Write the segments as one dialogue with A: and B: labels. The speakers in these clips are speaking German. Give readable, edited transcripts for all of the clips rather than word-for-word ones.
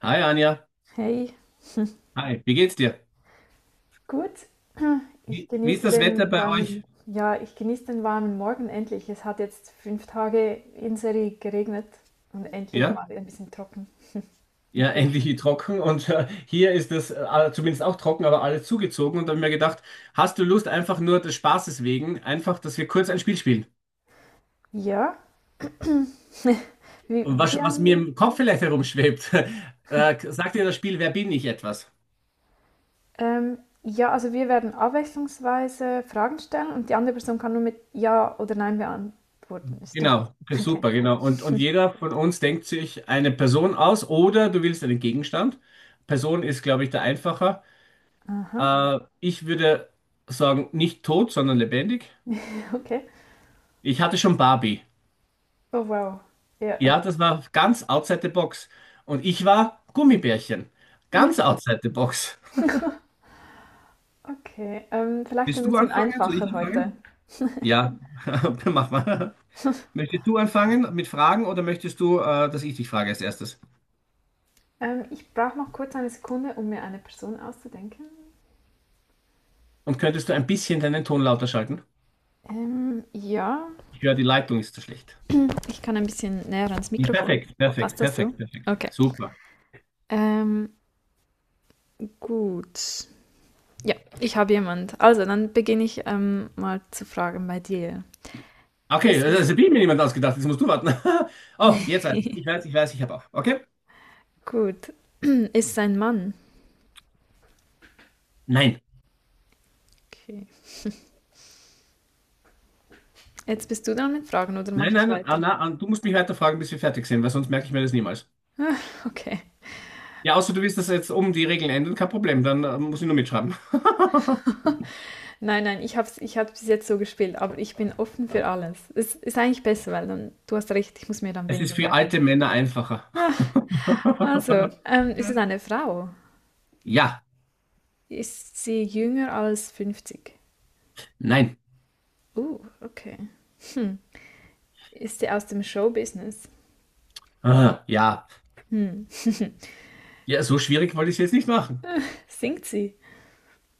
A: Hi Anja,
B: Hey,
A: hi. Wie geht's dir?
B: gut.
A: Wie ist das Wetter bei euch?
B: Ich genieße den warmen Morgen endlich. Es hat jetzt 5 Tage in Serie geregnet und endlich
A: Ja,
B: mal ein bisschen trocken.
A: ja,
B: Und die-
A: endlich trocken und hier ist es zumindest auch trocken, aber alles zugezogen, und da habe ich mir gedacht, hast du Lust, einfach nur des Spaßes wegen, einfach, dass wir kurz ein Spiel spielen?
B: Ja, wir,
A: Und
B: wir,
A: was mir
B: ähm,
A: im Kopf vielleicht herumschwebt, sagt dir das Spiel, wer bin ich, etwas?
B: ja, also wir werden abwechslungsweise Fragen stellen und die andere Person kann nur mit Ja oder Nein beantworten. Stimmt das?
A: Genau, okay,
B: Okay.
A: super, genau. Und jeder von uns denkt sich eine Person aus, oder du willst einen Gegenstand. Person ist, glaube ich, der einfacher.
B: Aha,
A: Ich würde sagen, nicht tot, sondern lebendig.
B: okay.
A: Ich hatte schon Barbie.
B: Oh wow. Ja.
A: Ja, das war ganz outside the box. Und ich war Gummibärchen. Ganz outside the box.
B: Okay. Vielleicht ein
A: Willst du
B: bisschen
A: anfangen? Soll ich
B: einfacher heute.
A: anfangen? Ja, dann mach mal. Möchtest du anfangen mit Fragen, oder möchtest du, dass ich dich frage als erstes?
B: Ich brauche noch kurz eine Sekunde, um mir eine Person auszudenken.
A: Und könntest du ein bisschen deinen Ton lauter schalten?
B: Ja,
A: Ich höre, die Leitung ist zu schlecht.
B: ich kann ein bisschen näher ans
A: Ja,
B: Mikrofon.
A: perfekt, perfekt,
B: Passt das so?
A: perfekt, perfekt.
B: Okay.
A: Super.
B: Ähm, gut. Ja, ich habe jemand. Also, dann beginne ich mal zu fragen bei dir.
A: Okay,
B: Ist es?
A: das, habe ich mir, niemand ausgedacht. Jetzt musst du warten. Oh, jetzt weiß ich. Ich weiß, ich weiß, ich habe auch. Okay?
B: Gut. Ist es ein Mann?
A: Nein.
B: Okay. Jetzt bist du dran mit Fragen oder
A: Nein,
B: mache ich
A: nein, nein,
B: weiter?
A: Anna, du musst mich weiter fragen, bis wir fertig sind, weil sonst merke ich mir das niemals.
B: Ah, okay.
A: Ja, außer du willst das jetzt um die Regeln ändern, kein Problem, dann muss ich nur mitschreiben.
B: Nein, nein, ich habe es ich hab's bis jetzt so gespielt, aber ich bin offen für alles. Es ist eigentlich besser, weil dann, du hast recht, ich muss mir dann
A: Es ist
B: weniger
A: für
B: merken.
A: alte Männer einfacher.
B: Ah, also, ist es eine Frau?
A: Ja,
B: Ist sie jünger als 50?
A: nein,
B: Okay. Hm. Ist sie aus dem Showbusiness?
A: ah, ja.
B: Hm.
A: Ja, so schwierig wollte ich es jetzt nicht machen.
B: Singt sie?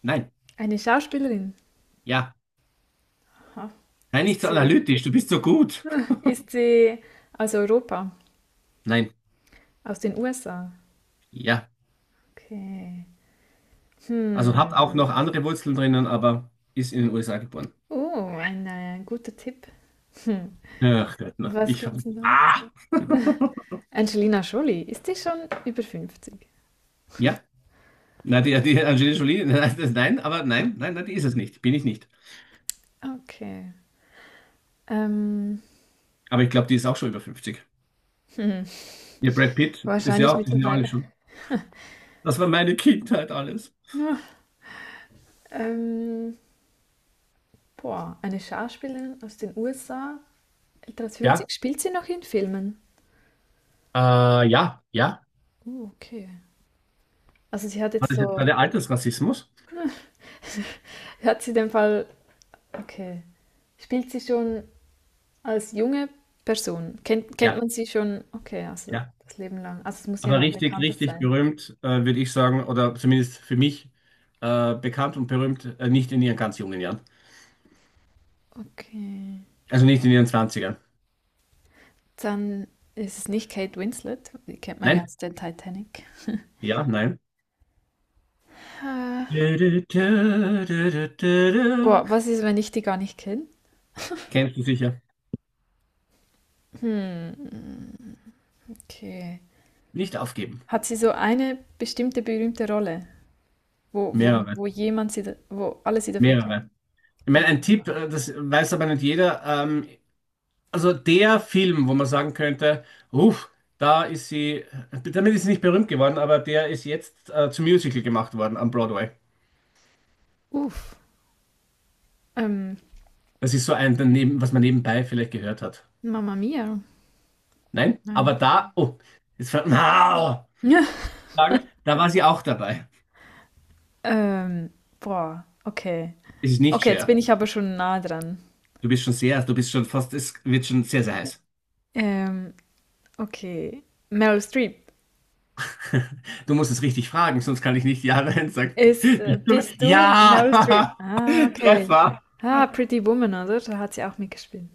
A: Nein,
B: Eine Schauspielerin?
A: ja.
B: Aha.
A: Nein, nicht
B: Ist
A: so
B: sie,
A: analytisch, du bist so gut.
B: ist sie aus Europa?
A: Nein,
B: Aus den USA?
A: ja.
B: Okay.
A: Also hat auch
B: Hm.
A: noch andere Wurzeln drinnen, aber ist in den USA geboren.
B: Oh, ein guter Tipp. Hm.
A: Ach Gott, na,
B: Was
A: ich
B: gibt's
A: habe...
B: denn da noch?
A: Ah!
B: Angelina Jolie, ist die schon über 50?
A: Ja. Na, die Angelina Jolie, nein, das, nein, aber nein, nein, nein, die ist es nicht. Bin ich nicht.
B: Okay. Ähm,
A: Aber ich glaube, die ist auch schon über fünfzig.
B: hm.
A: Ihr Brad Pitt ist ja
B: Wahrscheinlich
A: auch, die sind ja alle
B: mittlerweile.
A: schon. Das war meine Kindheit alles.
B: Ähm, Boah, eine Schauspielerin aus den USA, älter als
A: Ja,
B: 50, spielt sie noch in Filmen?
A: ja, ja.
B: Okay. Also sie hat
A: War
B: jetzt
A: das jetzt
B: so,
A: gerade Altersrassismus?
B: hat sie den Fall, okay, spielt sie schon als junge Person? Kennt
A: Ja,
B: man sie schon, okay, also
A: ja.
B: das Leben lang. Also es muss
A: Aber
B: jemand
A: richtig,
B: Bekanntes
A: richtig
B: sein.
A: berühmt, würde ich sagen, oder zumindest für mich bekannt und berühmt, nicht in ihren ganz jungen Jahren.
B: Okay.
A: Also nicht in ihren Zwanzigern?
B: Dann ist es nicht Kate Winslet, die kennt man ja
A: Nein?
B: aus der Titanic.
A: Ja, nein.
B: Äh,
A: Du.
B: Boah, was ist, wenn ich die gar nicht kenne?
A: Kennst du sicher?
B: Hm, okay.
A: Nicht aufgeben.
B: Hat sie so eine bestimmte berühmte Rolle? wo, wo,
A: Mehrere.
B: wo jemand sie, wo alle sie dafür kennen.
A: Mehrere. Ich meine, ein Tipp, das weiß aber nicht jeder. Also der Film, wo man sagen könnte, uff, da ist sie, damit ist sie nicht berühmt geworden, aber der ist jetzt zum Musical gemacht worden am Broadway.
B: Uff. Ähm,
A: Das ist so ein daneben, was man nebenbei vielleicht gehört hat.
B: Mama Mia.
A: Nein, aber
B: Nein.
A: da, oh, jetzt fällt na,
B: Ja.
A: sagen, da war sie auch dabei.
B: Ähm, Boah, okay.
A: Es ist nicht
B: Okay, jetzt
A: Cher.
B: bin ich aber schon nah dran.
A: Du bist schon sehr, du bist schon fast, es wird schon sehr, sehr heiß.
B: Ähm, okay. Meryl Streep.
A: Du musst es richtig fragen, sonst kann ich nicht Ja Nein sagen.
B: Ist, äh, bist du
A: Ja,
B: Meryl Streep? Ah, okay.
A: Treffer.
B: Ah, Pretty Woman, oder? Da hat sie auch mitgespielt.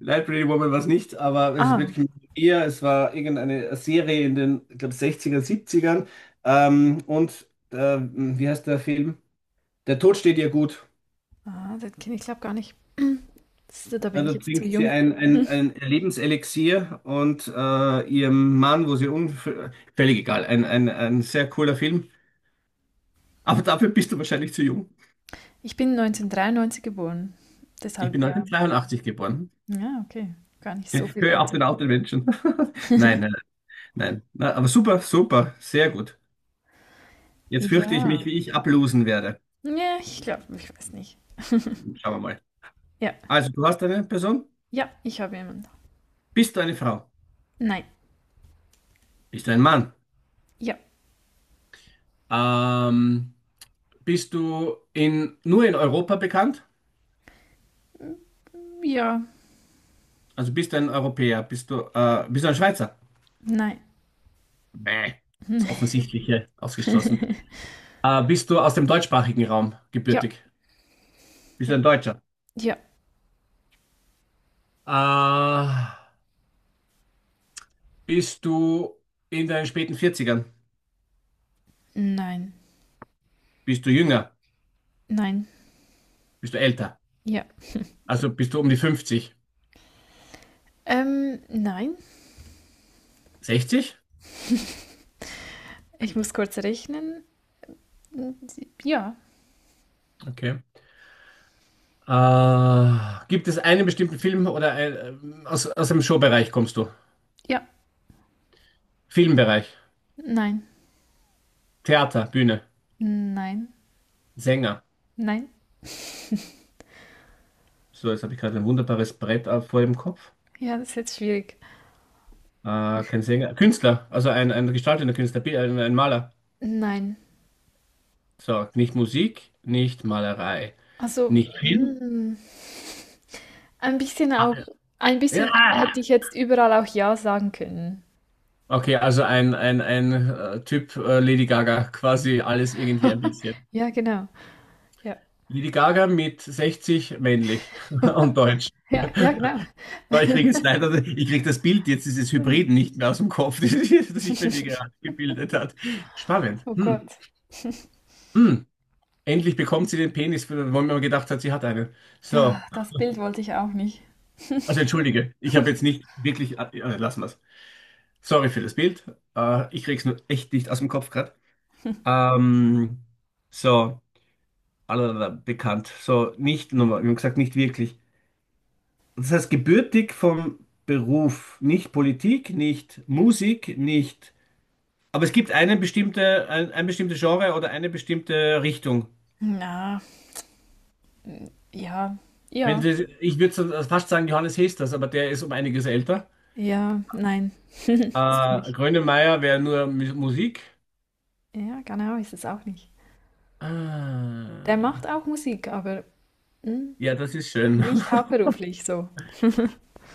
A: Nein, Pretty Woman war es nicht, aber es ist
B: Ah,
A: wirklich eher, es war irgendeine Serie in den, ich glaube, 60er, 70ern. Und wie heißt der Film? Der Tod steht ihr gut.
B: das kenne ich glaube gar nicht. Das, da
A: Ja,
B: bin ich
A: da
B: jetzt zu
A: trinkt sie
B: jung.
A: ein Lebenselixier und ihrem Mann, wo sie unfällig, völlig egal, ein sehr cooler Film. Aber dafür bist du wahrscheinlich zu jung.
B: Ich bin 1993 geboren.
A: Ich
B: Deshalb
A: bin
B: ja.
A: 1983 geboren.
B: Ja, okay. Gar nicht so viel
A: Höre auf
B: älter.
A: den alten Menschen. Nein, nein, nein. Na, aber super, super, sehr gut. Jetzt fürchte ich
B: Ja.
A: mich, wie ich ablosen werde.
B: Ja, ich glaube, ich weiß nicht.
A: Schauen wir mal.
B: Ja.
A: Also, du hast eine Person?
B: Ja, ich habe jemanden.
A: Bist du eine Frau?
B: Nein.
A: Bist du ein Mann?
B: Ja.
A: Ähm, bist du in, nur in Europa bekannt?
B: Ja.
A: Also bist du ein Europäer? Bist du ein Schweizer?
B: Nein.
A: Nee. Das Offensichtliche ausgeschlossen. Bist du aus dem deutschsprachigen Raum
B: Ja.
A: gebürtig? Bist
B: Ja.
A: du ein Deutscher?
B: Ja.
A: Äh, bist du in deinen späten Vierzigern?
B: Nein.
A: Bist du jünger?
B: Nein.
A: Bist du älter?
B: Ja.
A: Also bist du um die 50,
B: Nein.
A: 60?
B: Ich muss kurz rechnen. Ja.
A: Okay. Gibt es einen bestimmten Film oder ein, aus, aus dem Showbereich kommst du?
B: Ja.
A: Filmbereich,
B: Nein.
A: Theater, Bühne,
B: Nein.
A: Sänger.
B: Nein.
A: So, jetzt habe ich gerade ein wunderbares Brett auf- vor dem Kopf.
B: Ja, das ist jetzt schwierig.
A: Kein Sänger, Künstler, also ein gestaltender Künstler, ein Maler.
B: Nein.
A: So, nicht Musik, nicht Malerei,
B: Also,
A: nicht Film.
B: mm, ein bisschen auch, ein
A: Ja!
B: bisschen hätte ich jetzt überall auch Ja sagen können.
A: Okay, also ein Typ Lady Gaga, quasi alles irgendwie ein bisschen.
B: Ja, genau. Ja.
A: Lady Gaga mit 60, männlich, und deutsch.
B: Ja, ja, genau.
A: Aber ich kriege jetzt leider, ich kriege das Bild jetzt dieses
B: Ja.
A: Hybriden nicht mehr aus dem Kopf, das, sich bei mir gerade gebildet hat. Spannend.
B: Oh
A: Hm.
B: Gott.
A: Hm. Endlich bekommt sie den Penis, wo man mir gedacht hat, sie hat einen. So.
B: Ah, das Bild wollte ich auch nicht.
A: Also entschuldige, ich habe jetzt nicht wirklich. Lassen wir es. Sorry für das Bild. Ich krieg's nur echt nicht aus dem Kopf gerade. Ähm, so, allerlei bekannt. So, nicht nochmal, wir haben gesagt, nicht wirklich. Das heißt, gebürtig vom Beruf, nicht Politik, nicht Musik, nicht. Aber es gibt eine bestimmte, ein bestimmtes Genre oder eine bestimmte Richtung.
B: Na, ja,
A: Wenn
B: ja,
A: Sie, ich würde fast sagen Johannes Hesters, aber der ist um einiges älter.
B: ja, nein. Ist es nicht.
A: Grönemeyer wäre nur Mu- Musik.
B: Ja, genau, ist es auch nicht. Der macht
A: Ah,
B: auch Musik, aber hm,
A: ja, das ist schön.
B: nicht hauptberuflich so.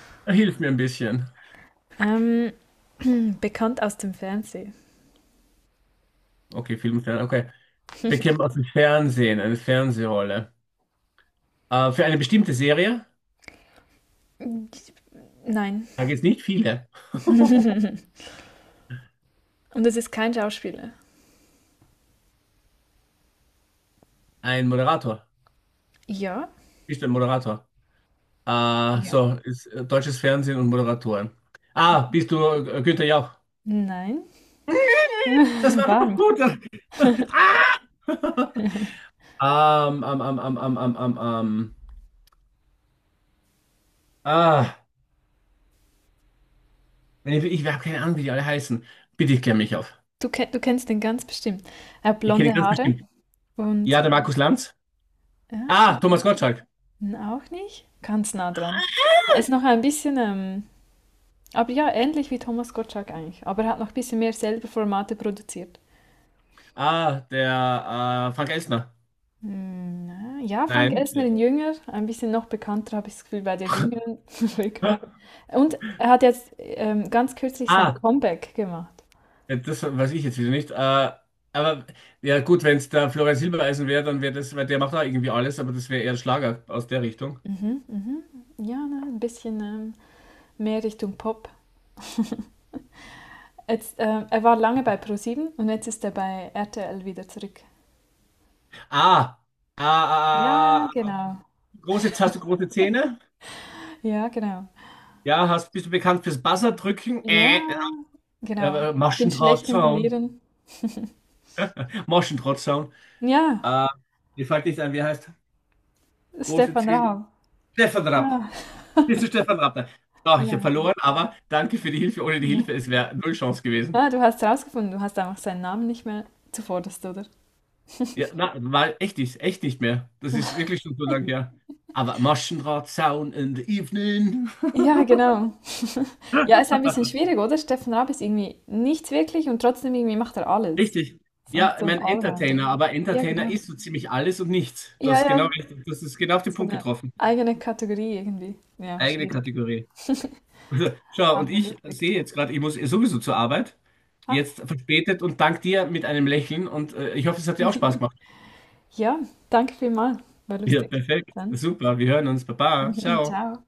A: Hilf mir ein bisschen.
B: Ähm, Bekannt aus dem Fernsehen.
A: Okay, Film, Fern- okay. Beckham aus dem Fernsehen, eine Fernsehrolle. Für eine bestimmte Serie?
B: Nein.
A: Da gibt es nicht viele.
B: Und es ist kein Schauspieler.
A: Ein Moderator.
B: Ja,
A: Ist ein Moderator. Ah,
B: ja.
A: so, ist deutsches Fernsehen und Moderatoren. Ah, bist du Günther Jauch?
B: Nein.
A: Das war doch
B: Warm.
A: gut. Ah! Ähm, ähm, ähm, ähm, ähm, ähm, ähm, ähm. Ah, wenn ich, ich habe keine Ahnung, wie die alle heißen. Bitte klär mich auf.
B: Du, du kennst den ganz bestimmt. Er hat
A: Ich kenne ihn
B: blonde
A: ganz
B: Haare.
A: bestimmt.
B: Und
A: Ja, der Markus Lanz.
B: äh,
A: Ah, Thomas Gottschalk.
B: auch nicht? Ganz nah dran. Er ist noch ein bisschen, aber ja, ähnlich wie Thomas Gottschalk eigentlich. Aber er hat noch ein bisschen mehr selber Formate produziert.
A: Ah, der Frank Elstner.
B: Hm, na, ja, Frank
A: Nein.
B: Elsner in Jünger, ein bisschen noch bekannter, habe ich das Gefühl, bei der jüngeren Bevölkerung. Und er hat jetzt ganz kürzlich sein
A: Ah,
B: Comeback gemacht.
A: ja, das weiß ich jetzt wieder nicht. Aber ja, gut, wenn es der Florian Silbereisen wäre, dann wäre das, weil der macht auch irgendwie alles, aber das wäre eher Schlager aus der Richtung.
B: Mhm, mhm. Ja, ne, ein bisschen mehr Richtung Pop. Jetzt, er war lange bei ProSieben und jetzt ist er bei RTL wieder zurück.
A: Ah, ah,
B: Ja,
A: ah, ah, ah,
B: genau.
A: ähm, große, hast du große Zähne?
B: Ja, genau.
A: Ja, hast, bist du bekannt fürs Buzzerdrücken?
B: Ja, genau. Ich bin schlecht im
A: Maschendrahtzaun.
B: Verlieren.
A: Maschendrahtzaun.
B: Ja,
A: Äh, mir fällt nicht ein, wie er heißt? Große
B: Stefan
A: Zähne.
B: Raab.
A: Stefan Rapp.
B: Ah,
A: Bist du Stefan Rapp? So, ich habe
B: ja, genau.
A: verloren, aber danke für die Hilfe. Ohne die Hilfe, es wäre null Chance gewesen.
B: Ah, du hast rausgefunden, du hast einfach seinen Namen nicht mehr zuvorderst, oder?
A: Ja, na, weil echt nicht mehr. Das ist wirklich schon so lange her. Aber Maschendraht, Sound in the evening.
B: Ja, genau. Ja, ist ein bisschen schwierig, oder? Stefan Raab ist irgendwie nichts wirklich und trotzdem irgendwie macht er alles.
A: Richtig.
B: Ist einfach
A: Ja,
B: so
A: ich
B: ein
A: mein
B: Allrounder.
A: Entertainer, aber
B: Ja,
A: Entertainer
B: genau.
A: ist so ziemlich alles und nichts. Das
B: Ja,
A: ist
B: ja.
A: genau, richtig. Das ist genau auf den
B: So
A: Punkt
B: eine
A: getroffen.
B: eigene Kategorie irgendwie. Ja,
A: Eigene
B: schwierig.
A: Kategorie. Also, schau, und
B: Aber
A: ich
B: lustig.
A: sehe jetzt gerade, ich muss sowieso zur Arbeit.
B: Ah.
A: Jetzt verspätet und dank dir mit einem Lächeln, und ich hoffe, es hat dir auch Spaß gemacht.
B: Ja, danke vielmals. War
A: Ja,
B: lustig.
A: perfekt.
B: Dann.
A: Super, wir hören uns. Baba, ciao.
B: Ciao.